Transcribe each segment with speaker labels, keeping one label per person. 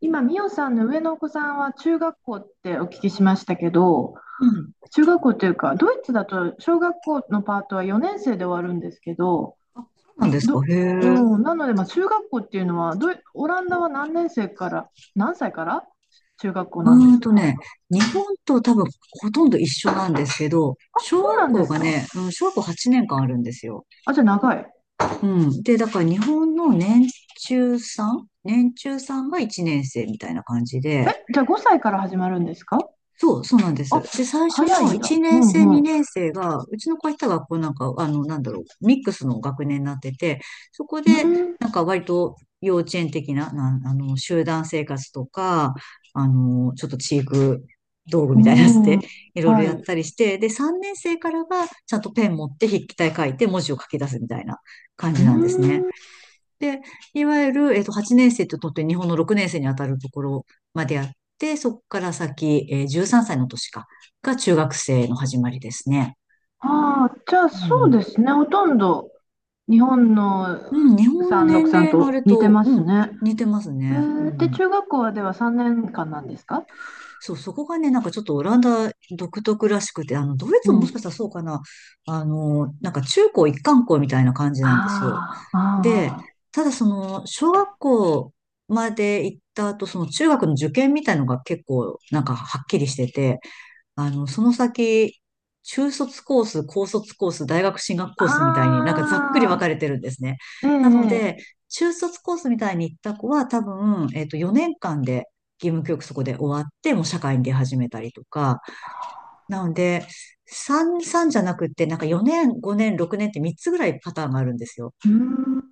Speaker 1: 今、ミオさんの上のお子さんは中学校ってお聞きしましたけど、
Speaker 2: うん。
Speaker 1: 中学校というか、ドイツだと小学校のパートは4年生で終わるんですけど、
Speaker 2: そうなんですか、
Speaker 1: ど、
Speaker 2: へ
Speaker 1: う
Speaker 2: え。
Speaker 1: ん、なので、まあ、中学校っていうのはオランダは何年生から、何歳から中学校なんで
Speaker 2: うー
Speaker 1: す
Speaker 2: ん
Speaker 1: か？
Speaker 2: とね、日本と多分ほとんど一緒なんですけど、小
Speaker 1: そう
Speaker 2: 学
Speaker 1: なんで
Speaker 2: 校
Speaker 1: す
Speaker 2: が
Speaker 1: か？
Speaker 2: ね、小学校8年間あるんですよ。
Speaker 1: あ、じゃあ長い。
Speaker 2: うん。で、だから日本の年中さんが1年生みたいな感じで、
Speaker 1: え、じゃあ5歳から始まるんですか？
Speaker 2: そう、そうなんです。で、
Speaker 1: あ、
Speaker 2: 最初
Speaker 1: 早い
Speaker 2: の
Speaker 1: ん
Speaker 2: 1
Speaker 1: だ。
Speaker 2: 年
Speaker 1: う
Speaker 2: 生、
Speaker 1: んう
Speaker 2: 2
Speaker 1: ん。
Speaker 2: 年生が、うちの子が行った学校なんか、なんだろう、ミックスの学年になってて、そこで、
Speaker 1: う
Speaker 2: なんか割と幼稚園的な、集団生活とか、ちょっと知育道具みたいなやつ
Speaker 1: ん、うん、
Speaker 2: で、いろいろ
Speaker 1: は
Speaker 2: やっ
Speaker 1: い。
Speaker 2: たりして、で、3年生からは、ちゃんとペン持って筆記体書いて文字を書き出すみたいな感
Speaker 1: う
Speaker 2: じなんですね。
Speaker 1: ん、
Speaker 2: で、いわゆる、8年生ととって日本の6年生にあたるところまであって、そこから先、13歳のが中学生の始まりですね。
Speaker 1: ああ、じゃあ
Speaker 2: う
Speaker 1: そう
Speaker 2: ん。
Speaker 1: ですね、ほとんど。日本の
Speaker 2: うん、日本の年
Speaker 1: 363
Speaker 2: 齢のあ
Speaker 1: と
Speaker 2: れ
Speaker 1: 似て
Speaker 2: と、
Speaker 1: ますね。
Speaker 2: 似てますね。う
Speaker 1: で、
Speaker 2: ん。
Speaker 1: 中学校はでは3年間なんですか？
Speaker 2: そう、そこがね、なんかちょっとオランダ独特らしくて、ドイ
Speaker 1: う
Speaker 2: ツももしかし
Speaker 1: ん。
Speaker 2: たらそうかな、なんか中高一貫校みたいな感じなんですよ。
Speaker 1: あ
Speaker 2: で、
Speaker 1: あ、あ
Speaker 2: ただその、小学校まで行った後、その中学の受験みたいのが結構、なんかはっきりしてて、その先、中卒コース、高卒コース、大学進学
Speaker 1: あ、
Speaker 2: コースみたいになんかざっくり
Speaker 1: あ
Speaker 2: 分かれ
Speaker 1: あ、
Speaker 2: てるんですね。
Speaker 1: ええ、
Speaker 2: なの
Speaker 1: え
Speaker 2: で、
Speaker 1: え
Speaker 2: 中卒コースみたいに行った子は多分、4年間で義務教育そこで終わって、もう社会に出始めたりとか。なので、3じゃなくって、なんか4年、5年、6年って3つぐらいパターンがあるんですよ。
Speaker 1: うーん、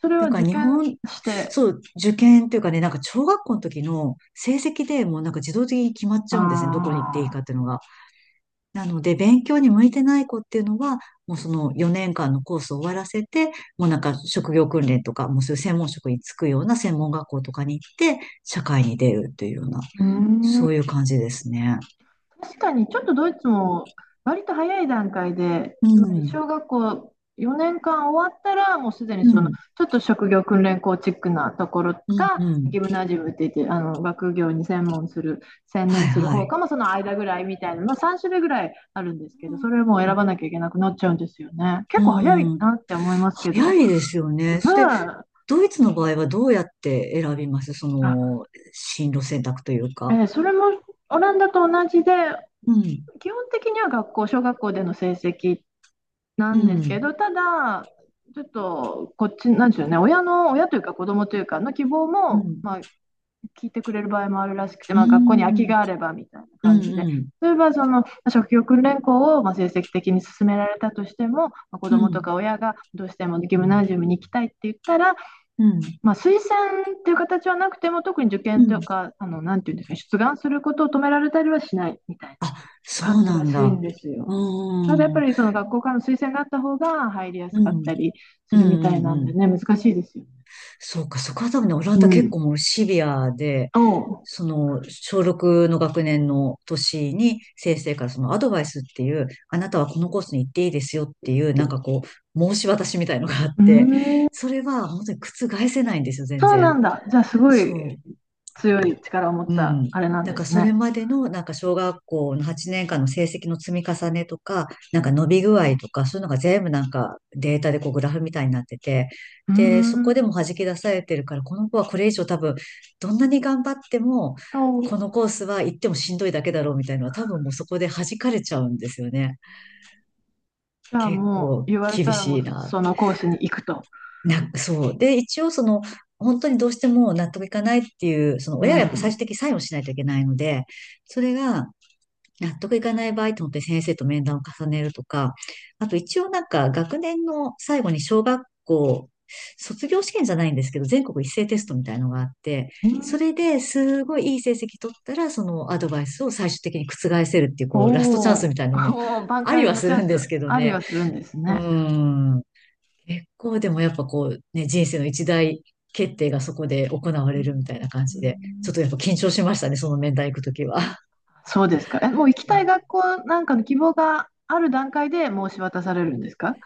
Speaker 1: それは
Speaker 2: だか
Speaker 1: 受
Speaker 2: ら日
Speaker 1: 験
Speaker 2: 本、
Speaker 1: して、
Speaker 2: そう、受験というかね、なんか小学校の時の成績でもうなんか自動的に決まっちゃうんですね。どこに行っていい
Speaker 1: ああ、
Speaker 2: かっていうのが。なので、勉強に向いてない子っていうのは、もうその4年間のコースを終わらせて、もうなんか職業訓練とか、もうそういう専門職に就くような専門学校とかに行って、社会に出るというような、
Speaker 1: うー
Speaker 2: そうい
Speaker 1: ん。
Speaker 2: う感じですね。
Speaker 1: 確かに、ちょっとドイツも割と早い段階で、
Speaker 2: う
Speaker 1: つまり
Speaker 2: ん。
Speaker 1: 小学校4年間終わったら、もうすでに
Speaker 2: う
Speaker 1: その
Speaker 2: ん。
Speaker 1: ちょっと職業訓練校チックなところが、
Speaker 2: うん。うん。
Speaker 1: ギムナジウムって言って、学業に専
Speaker 2: はい、
Speaker 1: 念する
Speaker 2: は
Speaker 1: 方
Speaker 2: い。
Speaker 1: かも、その間ぐらいみたいな、まあ、3種類ぐらいあるんですけど、それも選
Speaker 2: う
Speaker 1: ばなきゃいけなくなっちゃうんですよね。結構早
Speaker 2: ん。
Speaker 1: い
Speaker 2: うん、
Speaker 1: なって思いますけ
Speaker 2: 早
Speaker 1: ど。
Speaker 2: いですよ
Speaker 1: うん、
Speaker 2: ね。それ、ドイツの場合はどうやって選びますそ
Speaker 1: あ、
Speaker 2: の、進路選択というか？
Speaker 1: それもオランダと同じで、
Speaker 2: うん。
Speaker 1: 基本的には学校、小学校での成績な
Speaker 2: う
Speaker 1: んですけ
Speaker 2: ん。
Speaker 1: ど、ただ、ちょっとこっち、なんでしょうね、親というか子供というかの希望
Speaker 2: う
Speaker 1: も、
Speaker 2: ん。
Speaker 1: まあ、聞いてくれる場合もあるらしくて、
Speaker 2: う
Speaker 1: まあ、学校に空き
Speaker 2: ん。
Speaker 1: があればみたいな
Speaker 2: う
Speaker 1: 感
Speaker 2: ん。
Speaker 1: じで、
Speaker 2: うん。
Speaker 1: 例えばそのまあ職業訓練校をまあ成績的に進められたとしても、まあ、子
Speaker 2: う
Speaker 1: 供と
Speaker 2: ん。
Speaker 1: か親がどうしてもギムナジウムに行きたいって言ったら、
Speaker 2: うん。
Speaker 1: まあ、推薦っていう形はなくても、特に受
Speaker 2: う
Speaker 1: 験と
Speaker 2: ん。
Speaker 1: か、なんていうんですかね、出願することを止められたりはしないみたいな。
Speaker 2: あ、そ
Speaker 1: 感
Speaker 2: う
Speaker 1: じ
Speaker 2: な
Speaker 1: ら
Speaker 2: ん
Speaker 1: しいん
Speaker 2: だ。
Speaker 1: ですよ。
Speaker 2: う
Speaker 1: ただやっ
Speaker 2: ー
Speaker 1: ぱ
Speaker 2: ん。
Speaker 1: りその学校からの推薦があった方が入りやす
Speaker 2: う
Speaker 1: かっ
Speaker 2: ん。
Speaker 1: たりす
Speaker 2: うん
Speaker 1: るみ
Speaker 2: う
Speaker 1: たいな
Speaker 2: ん
Speaker 1: ん
Speaker 2: う
Speaker 1: で
Speaker 2: ん。
Speaker 1: ね、難しいですよ。
Speaker 2: そうか、そこは多分ね、オラン
Speaker 1: う
Speaker 2: ダ結
Speaker 1: ん。
Speaker 2: 構もうシビアで、
Speaker 1: おう。
Speaker 2: その、小6の学年の年に先生からそのアドバイスっていう、あなたはこのコースに行っていいですよっていう、なんかこう、申し渡しみたいのがあっ
Speaker 1: う
Speaker 2: て、
Speaker 1: ーん。
Speaker 2: それは本当に覆せないんですよ、全
Speaker 1: そうな
Speaker 2: 然。
Speaker 1: んだ。じゃあすご
Speaker 2: そ
Speaker 1: い
Speaker 2: う。
Speaker 1: 強い力を持っ
Speaker 2: う
Speaker 1: た
Speaker 2: ん。
Speaker 1: あれなん
Speaker 2: なん
Speaker 1: で
Speaker 2: か
Speaker 1: す
Speaker 2: それ
Speaker 1: ね。
Speaker 2: までのなんか小学校の8年間の成績の積み重ねとか、なんか伸び具合とか、そういうのが全部なんかデータでこうグラフみたいになってて、
Speaker 1: うー
Speaker 2: で、そこで
Speaker 1: ん。
Speaker 2: も弾き出されてるから、この子はこれ以上多分、どんなに頑張っても、
Speaker 1: お
Speaker 2: こ
Speaker 1: う。
Speaker 2: のコースは行ってもしんどいだけだろうみたいなのは多分もうそこで弾かれちゃうんですよね。
Speaker 1: じゃあ
Speaker 2: 結
Speaker 1: もう
Speaker 2: 構
Speaker 1: 言われ
Speaker 2: 厳
Speaker 1: たらも
Speaker 2: し
Speaker 1: う
Speaker 2: いな。
Speaker 1: そのコースに行くと。
Speaker 2: そう。で、一応その、本当にどうしても納得いかないっていう、その
Speaker 1: う
Speaker 2: 親はやっぱ最
Speaker 1: ん。
Speaker 2: 終的にサインをしないといけないので、それが、納得いかない場合と思って本当に先生と面談を重ねるとか、あと一応なんか学年の最後に小学校、卒業試験じゃないんですけど、全国一斉テストみたいのがあって、
Speaker 1: う
Speaker 2: そ
Speaker 1: ん
Speaker 2: れですごいいい成績取ったら、そのアドバイスを最終的に覆せるっていう、こ
Speaker 1: お
Speaker 2: う、ラストチャンスみ
Speaker 1: お。
Speaker 2: たいのも
Speaker 1: おお、挽
Speaker 2: あり
Speaker 1: 回
Speaker 2: は
Speaker 1: の
Speaker 2: す
Speaker 1: チャ
Speaker 2: る
Speaker 1: ン
Speaker 2: んです
Speaker 1: ス
Speaker 2: けど
Speaker 1: あり
Speaker 2: ね。
Speaker 1: はするんです
Speaker 2: うー
Speaker 1: ね。
Speaker 2: ん。結構でもやっぱこう、ね、人生の一大決定がそこで行わ
Speaker 1: う
Speaker 2: れ
Speaker 1: ん
Speaker 2: るみたいな感じで、ちょっとやっぱ緊張しましたね、その面談行くときは。
Speaker 1: そうですか。え、もう行きたい学校なんかの希望がある段階で申し渡されるんですか？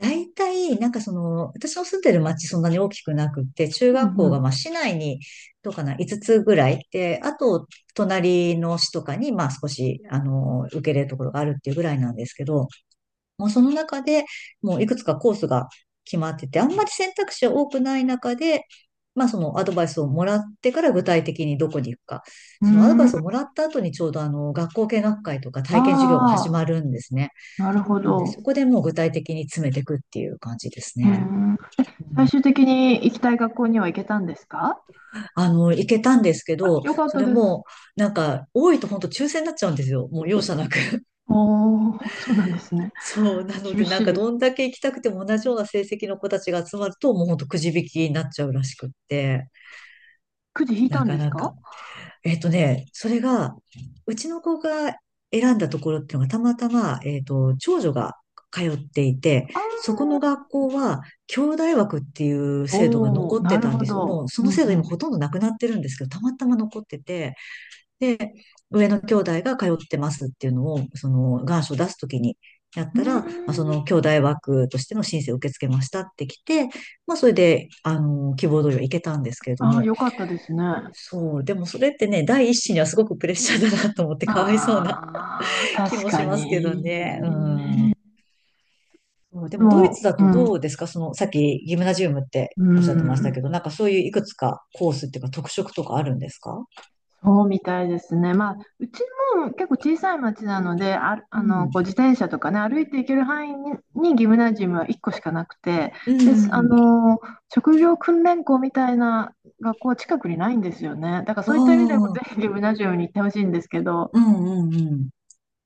Speaker 2: 大体、なんかその、私の住んでる町そんなに大きくなくって、中
Speaker 1: う
Speaker 2: 学校が
Speaker 1: ん
Speaker 2: まあ市内に、どうかな、5つぐらい。で、あと、隣の市とかに、まあ少し、受け入れるところがあるっていうぐらいなんですけど、もうその中でもういくつかコースが決まってて、あんまり選択肢は多くない中で、まあそのアドバイスをもらってから具体的にどこに行くか。
Speaker 1: う
Speaker 2: そのアドバ
Speaker 1: ん。
Speaker 2: イ
Speaker 1: うー
Speaker 2: スをも
Speaker 1: ん。
Speaker 2: らった後にちょうど学校見学会とか
Speaker 1: あ
Speaker 2: 体験授業が始ま
Speaker 1: あ、
Speaker 2: るんですね。
Speaker 1: なるほ
Speaker 2: なので、
Speaker 1: ど。
Speaker 2: そこでもう具体的に詰めていくっていう感じです
Speaker 1: うー
Speaker 2: ね。
Speaker 1: ん。最終的に行きたい学校には行けたんですか？
Speaker 2: 行けたんですけ
Speaker 1: あ、
Speaker 2: ど、
Speaker 1: よかっ
Speaker 2: そ
Speaker 1: た
Speaker 2: れ
Speaker 1: です。
Speaker 2: も、なんか、多いと本当抽選になっちゃうんですよ。もう容赦なく。
Speaker 1: おー、そうなんですね。
Speaker 2: そう。なので、
Speaker 1: 厳し
Speaker 2: なんか、ど
Speaker 1: い。
Speaker 2: んだけ行きたくても同じような成績の子たちが集まると、もう本当くじ引きになっちゃうらしくって、
Speaker 1: くじ引いた
Speaker 2: な
Speaker 1: ん
Speaker 2: か
Speaker 1: です
Speaker 2: なか。
Speaker 1: か？
Speaker 2: それが、うちの子が選んだところっていうのがたまたま、長女が通っていて、
Speaker 1: あ
Speaker 2: そこの
Speaker 1: ー
Speaker 2: 学校は、兄弟枠っていう制度が
Speaker 1: おお、
Speaker 2: 残って
Speaker 1: なる
Speaker 2: たん
Speaker 1: ほ
Speaker 2: ですよ。も
Speaker 1: ど。
Speaker 2: うそ
Speaker 1: う
Speaker 2: の
Speaker 1: ん
Speaker 2: 制度
Speaker 1: う
Speaker 2: 今
Speaker 1: ん。
Speaker 2: ほとんどなくなってるんですけど、たまたま残ってて、で、上の兄弟が通ってますっていうのを、その願書を出すときにやっ
Speaker 1: うー
Speaker 2: たら、まあ、そ
Speaker 1: ん。
Speaker 2: の兄弟枠としての申請を受け付けましたってきて、まあそれで、希望通りは行けたんですけれど
Speaker 1: ああ、
Speaker 2: も、
Speaker 1: よかったですね。あ
Speaker 2: そう、でもそれってね、第一子にはすごくプレッシャーだなと思ってかわいそうな
Speaker 1: あ、
Speaker 2: 気
Speaker 1: 確
Speaker 2: も
Speaker 1: か
Speaker 2: しますけどね。う
Speaker 1: に。
Speaker 2: ん。そう、で
Speaker 1: で
Speaker 2: もドイツ
Speaker 1: も、
Speaker 2: だ
Speaker 1: う
Speaker 2: とど
Speaker 1: ん、
Speaker 2: うですか？その、さっきギムナジウムって
Speaker 1: う
Speaker 2: おっしゃってました
Speaker 1: ん。
Speaker 2: けど、なんかそういういくつかコースっていうか特色とかあるんですか？
Speaker 1: そうみたいですね。まあ、うちも結構小さい町なので、ある、
Speaker 2: う
Speaker 1: あの、
Speaker 2: ん。
Speaker 1: こう自転車とかね、歩いて行ける範囲にギムナジウムは1個しかなくて、
Speaker 2: う
Speaker 1: です、あ
Speaker 2: ん。
Speaker 1: の、職業訓練校みたいな学校は近くにないんですよね。だから
Speaker 2: あ
Speaker 1: そういった意味でもぜ
Speaker 2: あ。
Speaker 1: ひギムナジウムに行ってほしいんですけど、
Speaker 2: うんうんうん。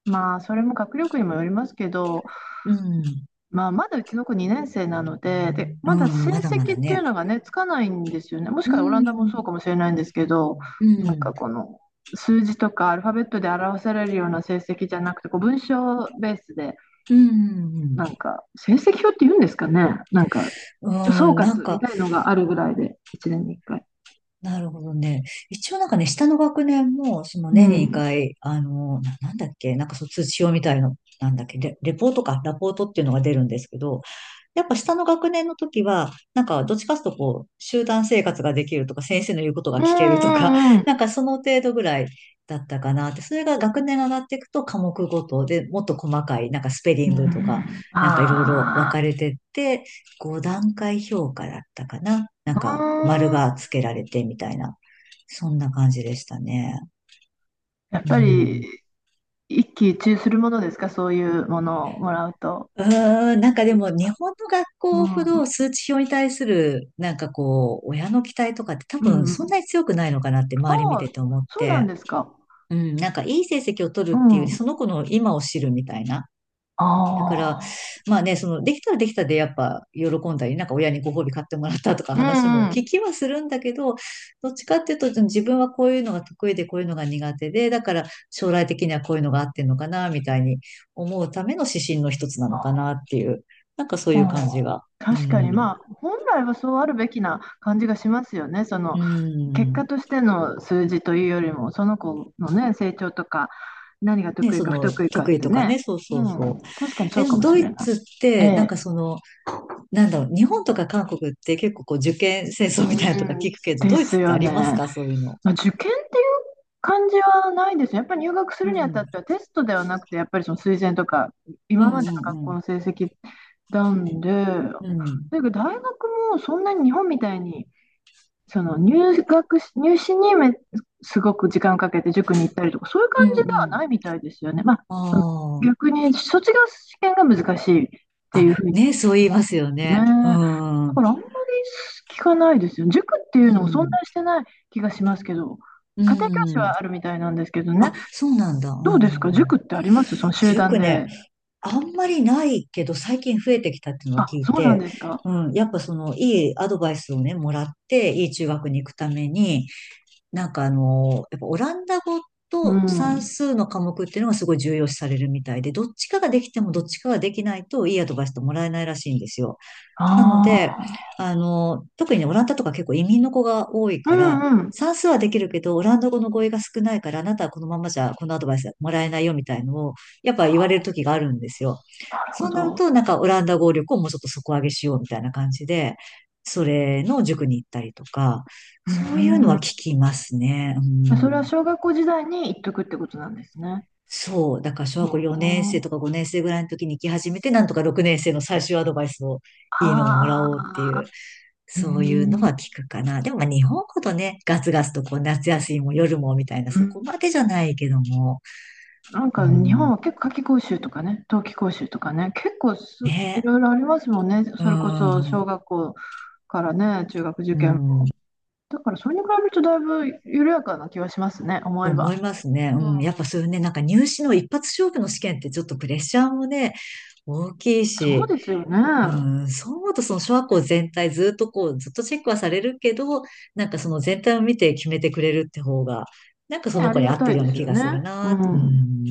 Speaker 1: まあ、それも学力にもよりますけど、
Speaker 2: うん。
Speaker 1: まあ、まだうちの子2年生なので、で、
Speaker 2: う
Speaker 1: まだ
Speaker 2: ん。
Speaker 1: 成
Speaker 2: まだまだ
Speaker 1: 績っていう
Speaker 2: ね。
Speaker 1: のがね、つかないんですよね。もし
Speaker 2: う
Speaker 1: かしたらオランダもそ
Speaker 2: ん。
Speaker 1: うかもしれないんですけど、
Speaker 2: う
Speaker 1: なんか
Speaker 2: ん。
Speaker 1: この数字とかアルファベットで表されるような成績じゃなくて、こう文章ベースで、
Speaker 2: うん。うん。
Speaker 1: なんか成績表って言うんですかね。なんか
Speaker 2: う
Speaker 1: 一応総
Speaker 2: ん、
Speaker 1: 括みたいのがあるぐらいで、1年に1回。
Speaker 2: なるほどね。一応なんかね、下の学年も、その
Speaker 1: う
Speaker 2: 年に
Speaker 1: ん。
Speaker 2: 2回、なんだっけ、なんかそう通知表みたいの、なんだっけ、レポートか、ラポートっていうのが出るんですけど、やっぱ下の学年の時は、なんかどっちかというとこう、集団生活ができるとか、先生の言うことが
Speaker 1: うん
Speaker 2: 聞けるとか、
Speaker 1: うんう
Speaker 2: な
Speaker 1: ん。
Speaker 2: んかその程度ぐらいだったかなって、それが学年が上がっていくと科目ごとでもっと細かい、なんかスペリ
Speaker 1: う
Speaker 2: ングとか、
Speaker 1: ん
Speaker 2: なんかいろいろ分
Speaker 1: あ
Speaker 2: かれてって、5段階評価だったかな。な
Speaker 1: あ、
Speaker 2: ん
Speaker 1: う
Speaker 2: か丸
Speaker 1: ーん。
Speaker 2: がつけられてみたいな、そんな感じでしたね。
Speaker 1: やっ
Speaker 2: う
Speaker 1: ぱり
Speaker 2: ん。
Speaker 1: 一喜一憂するものですか、そういうものをもらうと。
Speaker 2: うなんかでも日本の学
Speaker 1: う
Speaker 2: 校ほ
Speaker 1: ん、
Speaker 2: ど数値表に対するなんかこう親の期待とかって多
Speaker 1: う
Speaker 2: 分
Speaker 1: んう
Speaker 2: そん
Speaker 1: ん。
Speaker 2: なに強くないのかなって周り
Speaker 1: あ
Speaker 2: 見
Speaker 1: あ、
Speaker 2: てて思っ
Speaker 1: そうなん
Speaker 2: て、
Speaker 1: ですか。
Speaker 2: うん、なんかいい成績を取
Speaker 1: う
Speaker 2: るっていうより
Speaker 1: ん。
Speaker 2: その子の今を知るみたいな。
Speaker 1: あ
Speaker 2: だから、
Speaker 1: あ、
Speaker 2: まあね、その、できたらできたで、やっぱ、喜んだり、なんか親にご褒美買ってもらったとか
Speaker 1: う
Speaker 2: 話も
Speaker 1: んう
Speaker 2: 聞
Speaker 1: ん。
Speaker 2: きはするんだけど、どっちかっていうと、自分はこういうのが得意で、こういうのが苦手で、だから、将来的にはこういうのが合ってんのかな、みたいに思うための指針の一つな
Speaker 1: あ
Speaker 2: のかな
Speaker 1: あ、
Speaker 2: っていう、なんかそう
Speaker 1: あ
Speaker 2: いう感
Speaker 1: あ
Speaker 2: じが。う
Speaker 1: 確かに、
Speaker 2: ん。
Speaker 1: まあ、本来はそうあるべきな感じがしますよね。そ
Speaker 2: う
Speaker 1: の、結果
Speaker 2: ん。
Speaker 1: としての数字というよりも、その子のね、成長とか、何が
Speaker 2: ね、
Speaker 1: 得意
Speaker 2: そ
Speaker 1: か不
Speaker 2: の、
Speaker 1: 得意かっ
Speaker 2: 得意
Speaker 1: て
Speaker 2: とかね、
Speaker 1: ね。
Speaker 2: そう
Speaker 1: う
Speaker 2: そうそ
Speaker 1: ん、確かに
Speaker 2: う。
Speaker 1: そ
Speaker 2: え、
Speaker 1: う
Speaker 2: で
Speaker 1: か
Speaker 2: も、
Speaker 1: もし
Speaker 2: ド
Speaker 1: れ
Speaker 2: イ
Speaker 1: ない。
Speaker 2: ツっ
Speaker 1: え
Speaker 2: て、
Speaker 1: え、
Speaker 2: 日本とか韓国って結構こう受験戦
Speaker 1: う
Speaker 2: 争みたいなのとか
Speaker 1: ん、
Speaker 2: 聞くけど、
Speaker 1: で
Speaker 2: ドイ
Speaker 1: す
Speaker 2: ツって
Speaker 1: よ
Speaker 2: あります
Speaker 1: ね。
Speaker 2: かそういうの。
Speaker 1: まあ、受験っていう感じはないですね。やっぱり入学す
Speaker 2: う
Speaker 1: るにあたっ
Speaker 2: ん。
Speaker 1: てはテストではなくて、やっぱりその推薦とか、
Speaker 2: う
Speaker 1: 今
Speaker 2: ん
Speaker 1: までの学
Speaker 2: う
Speaker 1: 校
Speaker 2: ん
Speaker 1: の成績なんで、
Speaker 2: うん。うん。
Speaker 1: だけど大学もそんなに日本みたいにその入学し、入試にすごく時間をかけて塾に行ったりとか、そういう感
Speaker 2: う
Speaker 1: じ
Speaker 2: ん
Speaker 1: で
Speaker 2: う
Speaker 1: は
Speaker 2: ん。
Speaker 1: ないみたいですよね。まあ、その
Speaker 2: あ
Speaker 1: 逆に卒業試験が難しいっ
Speaker 2: あ。
Speaker 1: ていうふう
Speaker 2: あ、
Speaker 1: に聞
Speaker 2: ね、
Speaker 1: き
Speaker 2: そう言い
Speaker 1: ま
Speaker 2: ま
Speaker 1: す
Speaker 2: すよ
Speaker 1: ね。
Speaker 2: ね。うん。
Speaker 1: だか
Speaker 2: う
Speaker 1: らあんまり聞かないですよ。塾っていうのも存在し
Speaker 2: ん。
Speaker 1: てない気がしますけど、
Speaker 2: う
Speaker 1: 家庭教師
Speaker 2: ん。
Speaker 1: はあるみたいなんですけどね。
Speaker 2: あ、そうなんだ。
Speaker 1: どう
Speaker 2: う
Speaker 1: ですか
Speaker 2: ん。
Speaker 1: 塾ってありますその集団
Speaker 2: 塾ね、
Speaker 1: で。
Speaker 2: あんまりないけど、最近増えてきたっていうのは
Speaker 1: あ、
Speaker 2: 聞い
Speaker 1: そうなん
Speaker 2: て、
Speaker 1: ですか。
Speaker 2: うん、やっぱその、いいアドバイスをね、もらって、いい中学に行くために、なんかあの、やっぱオランダ語
Speaker 1: う
Speaker 2: と算
Speaker 1: ん。
Speaker 2: 数の科目っていうのがすごい重要視されるみたいで、どっちかができてもどっちかができないといいアドバイスってもらえないらしいんですよ。なので、
Speaker 1: あ
Speaker 2: あの、特にね、オランダとか結構移民の子が多い
Speaker 1: あ。う
Speaker 2: から、
Speaker 1: んうん。
Speaker 2: 算数はできるけど、オランダ語の語彙が少ないから、あなたはこのままじゃこのアドバイスはもらえないよみたいのを、やっぱ言われる時があるんですよ。
Speaker 1: なるほ
Speaker 2: そうなる
Speaker 1: ど。
Speaker 2: と、なんかオランダ語力をもうちょっと底上げしようみたいな感じで、それの塾に行ったりとか、
Speaker 1: う
Speaker 2: そういうのは
Speaker 1: ん。
Speaker 2: 聞きますね。う
Speaker 1: じゃあそれは
Speaker 2: ん。
Speaker 1: 小学校時代に言っとくってことなんですね。
Speaker 2: そう。だから小学校4年生とか5年生ぐらいの時に行き始めて、なんとか6年生の最終アドバイスをいいのをもら
Speaker 1: あ
Speaker 2: おうっていう。
Speaker 1: あー、う
Speaker 2: そういうの
Speaker 1: ん、
Speaker 2: は聞くかな。でもまあ日本ほどね、ガツガツとこう夏休みも夜もみたいな、
Speaker 1: う
Speaker 2: そこ
Speaker 1: ん、
Speaker 2: までじゃないけども、
Speaker 1: なん
Speaker 2: う
Speaker 1: か日本
Speaker 2: ん、
Speaker 1: は結構夏期講習とかね、冬季講習とかね、結構い
Speaker 2: ね、
Speaker 1: ろいろありますもんね、
Speaker 2: う
Speaker 1: それこそ小
Speaker 2: ん、
Speaker 1: 学校からね、中学受
Speaker 2: う
Speaker 1: 験。
Speaker 2: ん、
Speaker 1: だからそれに比べるとだいぶ緩やかな気はしますね、思
Speaker 2: と
Speaker 1: えば。
Speaker 2: 思いますね。う
Speaker 1: う
Speaker 2: ん、
Speaker 1: ん、
Speaker 2: やっぱそういうね、なんか入試の一発勝負の試験ってちょっとプレッシャーもね、大きい
Speaker 1: そう
Speaker 2: し、
Speaker 1: ですよね。
Speaker 2: うん、そう思うとその小学校全体ずっとこう、ずっとチェックはされるけど、なんかその全体を見て決めてくれるって方が、なんかそ
Speaker 1: ね、
Speaker 2: の
Speaker 1: あ
Speaker 2: 子
Speaker 1: り
Speaker 2: に
Speaker 1: が
Speaker 2: 合っ
Speaker 1: た
Speaker 2: て
Speaker 1: い
Speaker 2: るよ
Speaker 1: で
Speaker 2: うな
Speaker 1: す
Speaker 2: 気
Speaker 1: よ
Speaker 2: がする
Speaker 1: ね。う
Speaker 2: な。う
Speaker 1: ん。
Speaker 2: ん、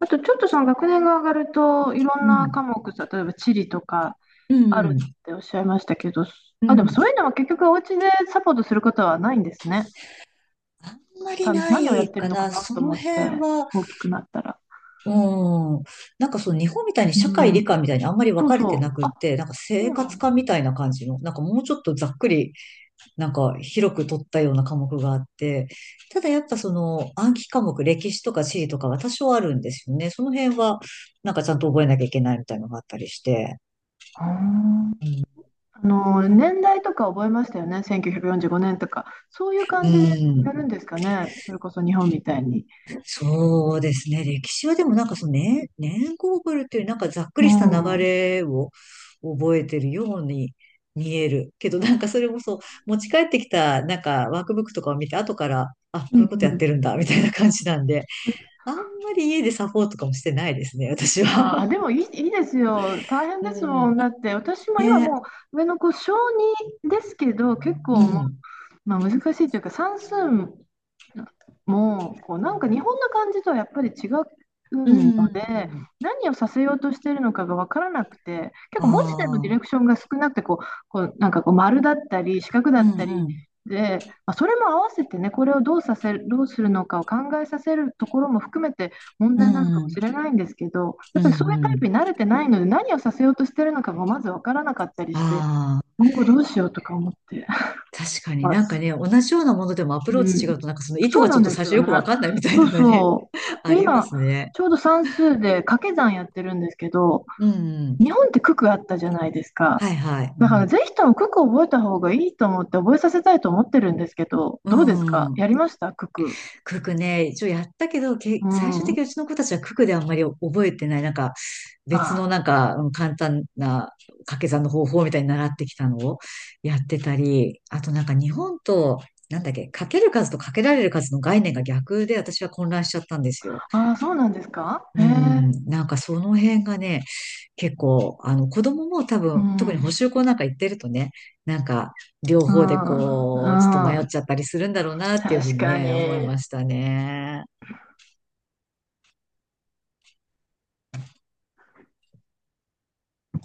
Speaker 1: あとちょっとその学年が上がると、いろん
Speaker 2: う
Speaker 1: な
Speaker 2: ん、
Speaker 1: 科目、例えば地理とか、
Speaker 2: う
Speaker 1: ある
Speaker 2: ん、
Speaker 1: っておっしゃいましたけど、
Speaker 2: う
Speaker 1: あ、でも
Speaker 2: ん。
Speaker 1: そういうのは結局お家でサポートすることはないんですね。
Speaker 2: あんまりな
Speaker 1: 何をや
Speaker 2: い
Speaker 1: ってる
Speaker 2: か
Speaker 1: のか
Speaker 2: な。
Speaker 1: な
Speaker 2: そ
Speaker 1: と
Speaker 2: の
Speaker 1: 思っ
Speaker 2: 辺
Speaker 1: て、
Speaker 2: は、
Speaker 1: 大きくなったら。
Speaker 2: うん。なんかその日本みたいに
Speaker 1: う
Speaker 2: 社会理
Speaker 1: ん、
Speaker 2: 科みたいにあんまり分
Speaker 1: そう
Speaker 2: かれて
Speaker 1: そ
Speaker 2: な
Speaker 1: う。
Speaker 2: くっ
Speaker 1: あ、
Speaker 2: て、なんか
Speaker 1: そ
Speaker 2: 生
Speaker 1: うな
Speaker 2: 活
Speaker 1: んだ。
Speaker 2: 科みたいな感じの、なんかもうちょっとざっくり、なんか広く取ったような科目があって、ただやっぱその暗記科目、歴史とか地理とかは多少あるんですよね。その辺は、なんかちゃんと覚えなきゃいけないみたいなのがあったりして。
Speaker 1: あー、あの、年代とか覚えましたよね。1945年とか。そういう
Speaker 2: う
Speaker 1: 感じでやる
Speaker 2: ん。
Speaker 1: んですかね。それこそ日本みたいに。
Speaker 2: そうですね。歴史はでもなんかその年、年号ブルっていうなんかざっく
Speaker 1: う
Speaker 2: りした
Speaker 1: ん。
Speaker 2: 流
Speaker 1: うん
Speaker 2: れを覚えてるように見える。けどなんかそれもそう、持ち帰ってきたなんかワークブックとかを見て後から、あ、こ
Speaker 1: う
Speaker 2: ういうことやって
Speaker 1: ん。
Speaker 2: るんだみたいな感じなんで、あんまり家でサポートとかもしてないですね、私
Speaker 1: あ
Speaker 2: は。
Speaker 1: あでもいいですよ。大 変
Speaker 2: う
Speaker 1: ですもん。
Speaker 2: ん。
Speaker 1: だって、私も今
Speaker 2: ね。
Speaker 1: もう上の子、小児ですけど、結
Speaker 2: う
Speaker 1: 構
Speaker 2: ん。
Speaker 1: まあ、難しいというか算数もこうなんか日本の漢字とはやっぱり違う
Speaker 2: う
Speaker 1: ので
Speaker 2: ん。
Speaker 1: 何をさせようとしているのかが分からなくて結
Speaker 2: あ
Speaker 1: 構文字でのディレ
Speaker 2: あ。
Speaker 1: クションが少なくてこうなんかこう丸だったり四角だ
Speaker 2: う
Speaker 1: っ
Speaker 2: ん
Speaker 1: たり
Speaker 2: うん。
Speaker 1: で、まあ、それも合わせてねこれをどうさせる、どうするのかを考えさせるところも含めて問
Speaker 2: う
Speaker 1: 題なのかも
Speaker 2: ん。
Speaker 1: しれないんですけどや
Speaker 2: う
Speaker 1: っぱりそ
Speaker 2: ん
Speaker 1: ういう
Speaker 2: う
Speaker 1: タイプ
Speaker 2: ん。
Speaker 1: に慣れてないので何をさせようとしてるのかがまず分からなかったりして
Speaker 2: ああ。
Speaker 1: 今後どうしようとか思って
Speaker 2: 確かに
Speaker 1: ま
Speaker 2: なんか
Speaker 1: す。
Speaker 2: ね、同じようなものでもアプ
Speaker 1: う
Speaker 2: ローチ違
Speaker 1: ん、
Speaker 2: うと、なんかその意図
Speaker 1: そう
Speaker 2: が
Speaker 1: な
Speaker 2: ちょ
Speaker 1: ん
Speaker 2: っと
Speaker 1: で
Speaker 2: 最
Speaker 1: す
Speaker 2: 初
Speaker 1: よ
Speaker 2: よ
Speaker 1: ね。
Speaker 2: くわかんないみたい
Speaker 1: そう
Speaker 2: のがね、
Speaker 1: そ う。
Speaker 2: あ
Speaker 1: で、
Speaker 2: りま
Speaker 1: 今、
Speaker 2: すね。
Speaker 1: ちょうど算数で掛け算やってるんですけど、
Speaker 2: うん。
Speaker 1: 日本って九九あったじゃないですか。
Speaker 2: はいはい。う
Speaker 1: だから、
Speaker 2: ん。
Speaker 1: ぜひとも九九覚えた方がいいと思って覚えさせたいと思ってるんですけど、
Speaker 2: う
Speaker 1: どうですか
Speaker 2: ん。
Speaker 1: やりました九九。
Speaker 2: 九クね、一応やったけど、
Speaker 1: う
Speaker 2: 最終
Speaker 1: ん。
Speaker 2: 的にう
Speaker 1: あ
Speaker 2: ちの子たちはククであんまり覚えてない、なんか別の
Speaker 1: あ、
Speaker 2: なんか簡単な掛け算の方法みたいに習ってきたのをやってたり、あとなんか日本と、なんだっけ、かける数とかけられる数の概念が逆で私は混乱しちゃったんですよ。
Speaker 1: ああそうなんですかへ
Speaker 2: う
Speaker 1: え。
Speaker 2: ん、なんかその辺がね、結構、あの子供も多
Speaker 1: う
Speaker 2: 分、特に補
Speaker 1: ん。
Speaker 2: 習校なんか行ってるとね、なんか両
Speaker 1: う
Speaker 2: 方で
Speaker 1: ん。う
Speaker 2: こう、ちょっと迷っ
Speaker 1: ん。
Speaker 2: ちゃったりするんだろうなっていうふう
Speaker 1: 確
Speaker 2: に
Speaker 1: か
Speaker 2: ね、思い
Speaker 1: に。
Speaker 2: ましたね。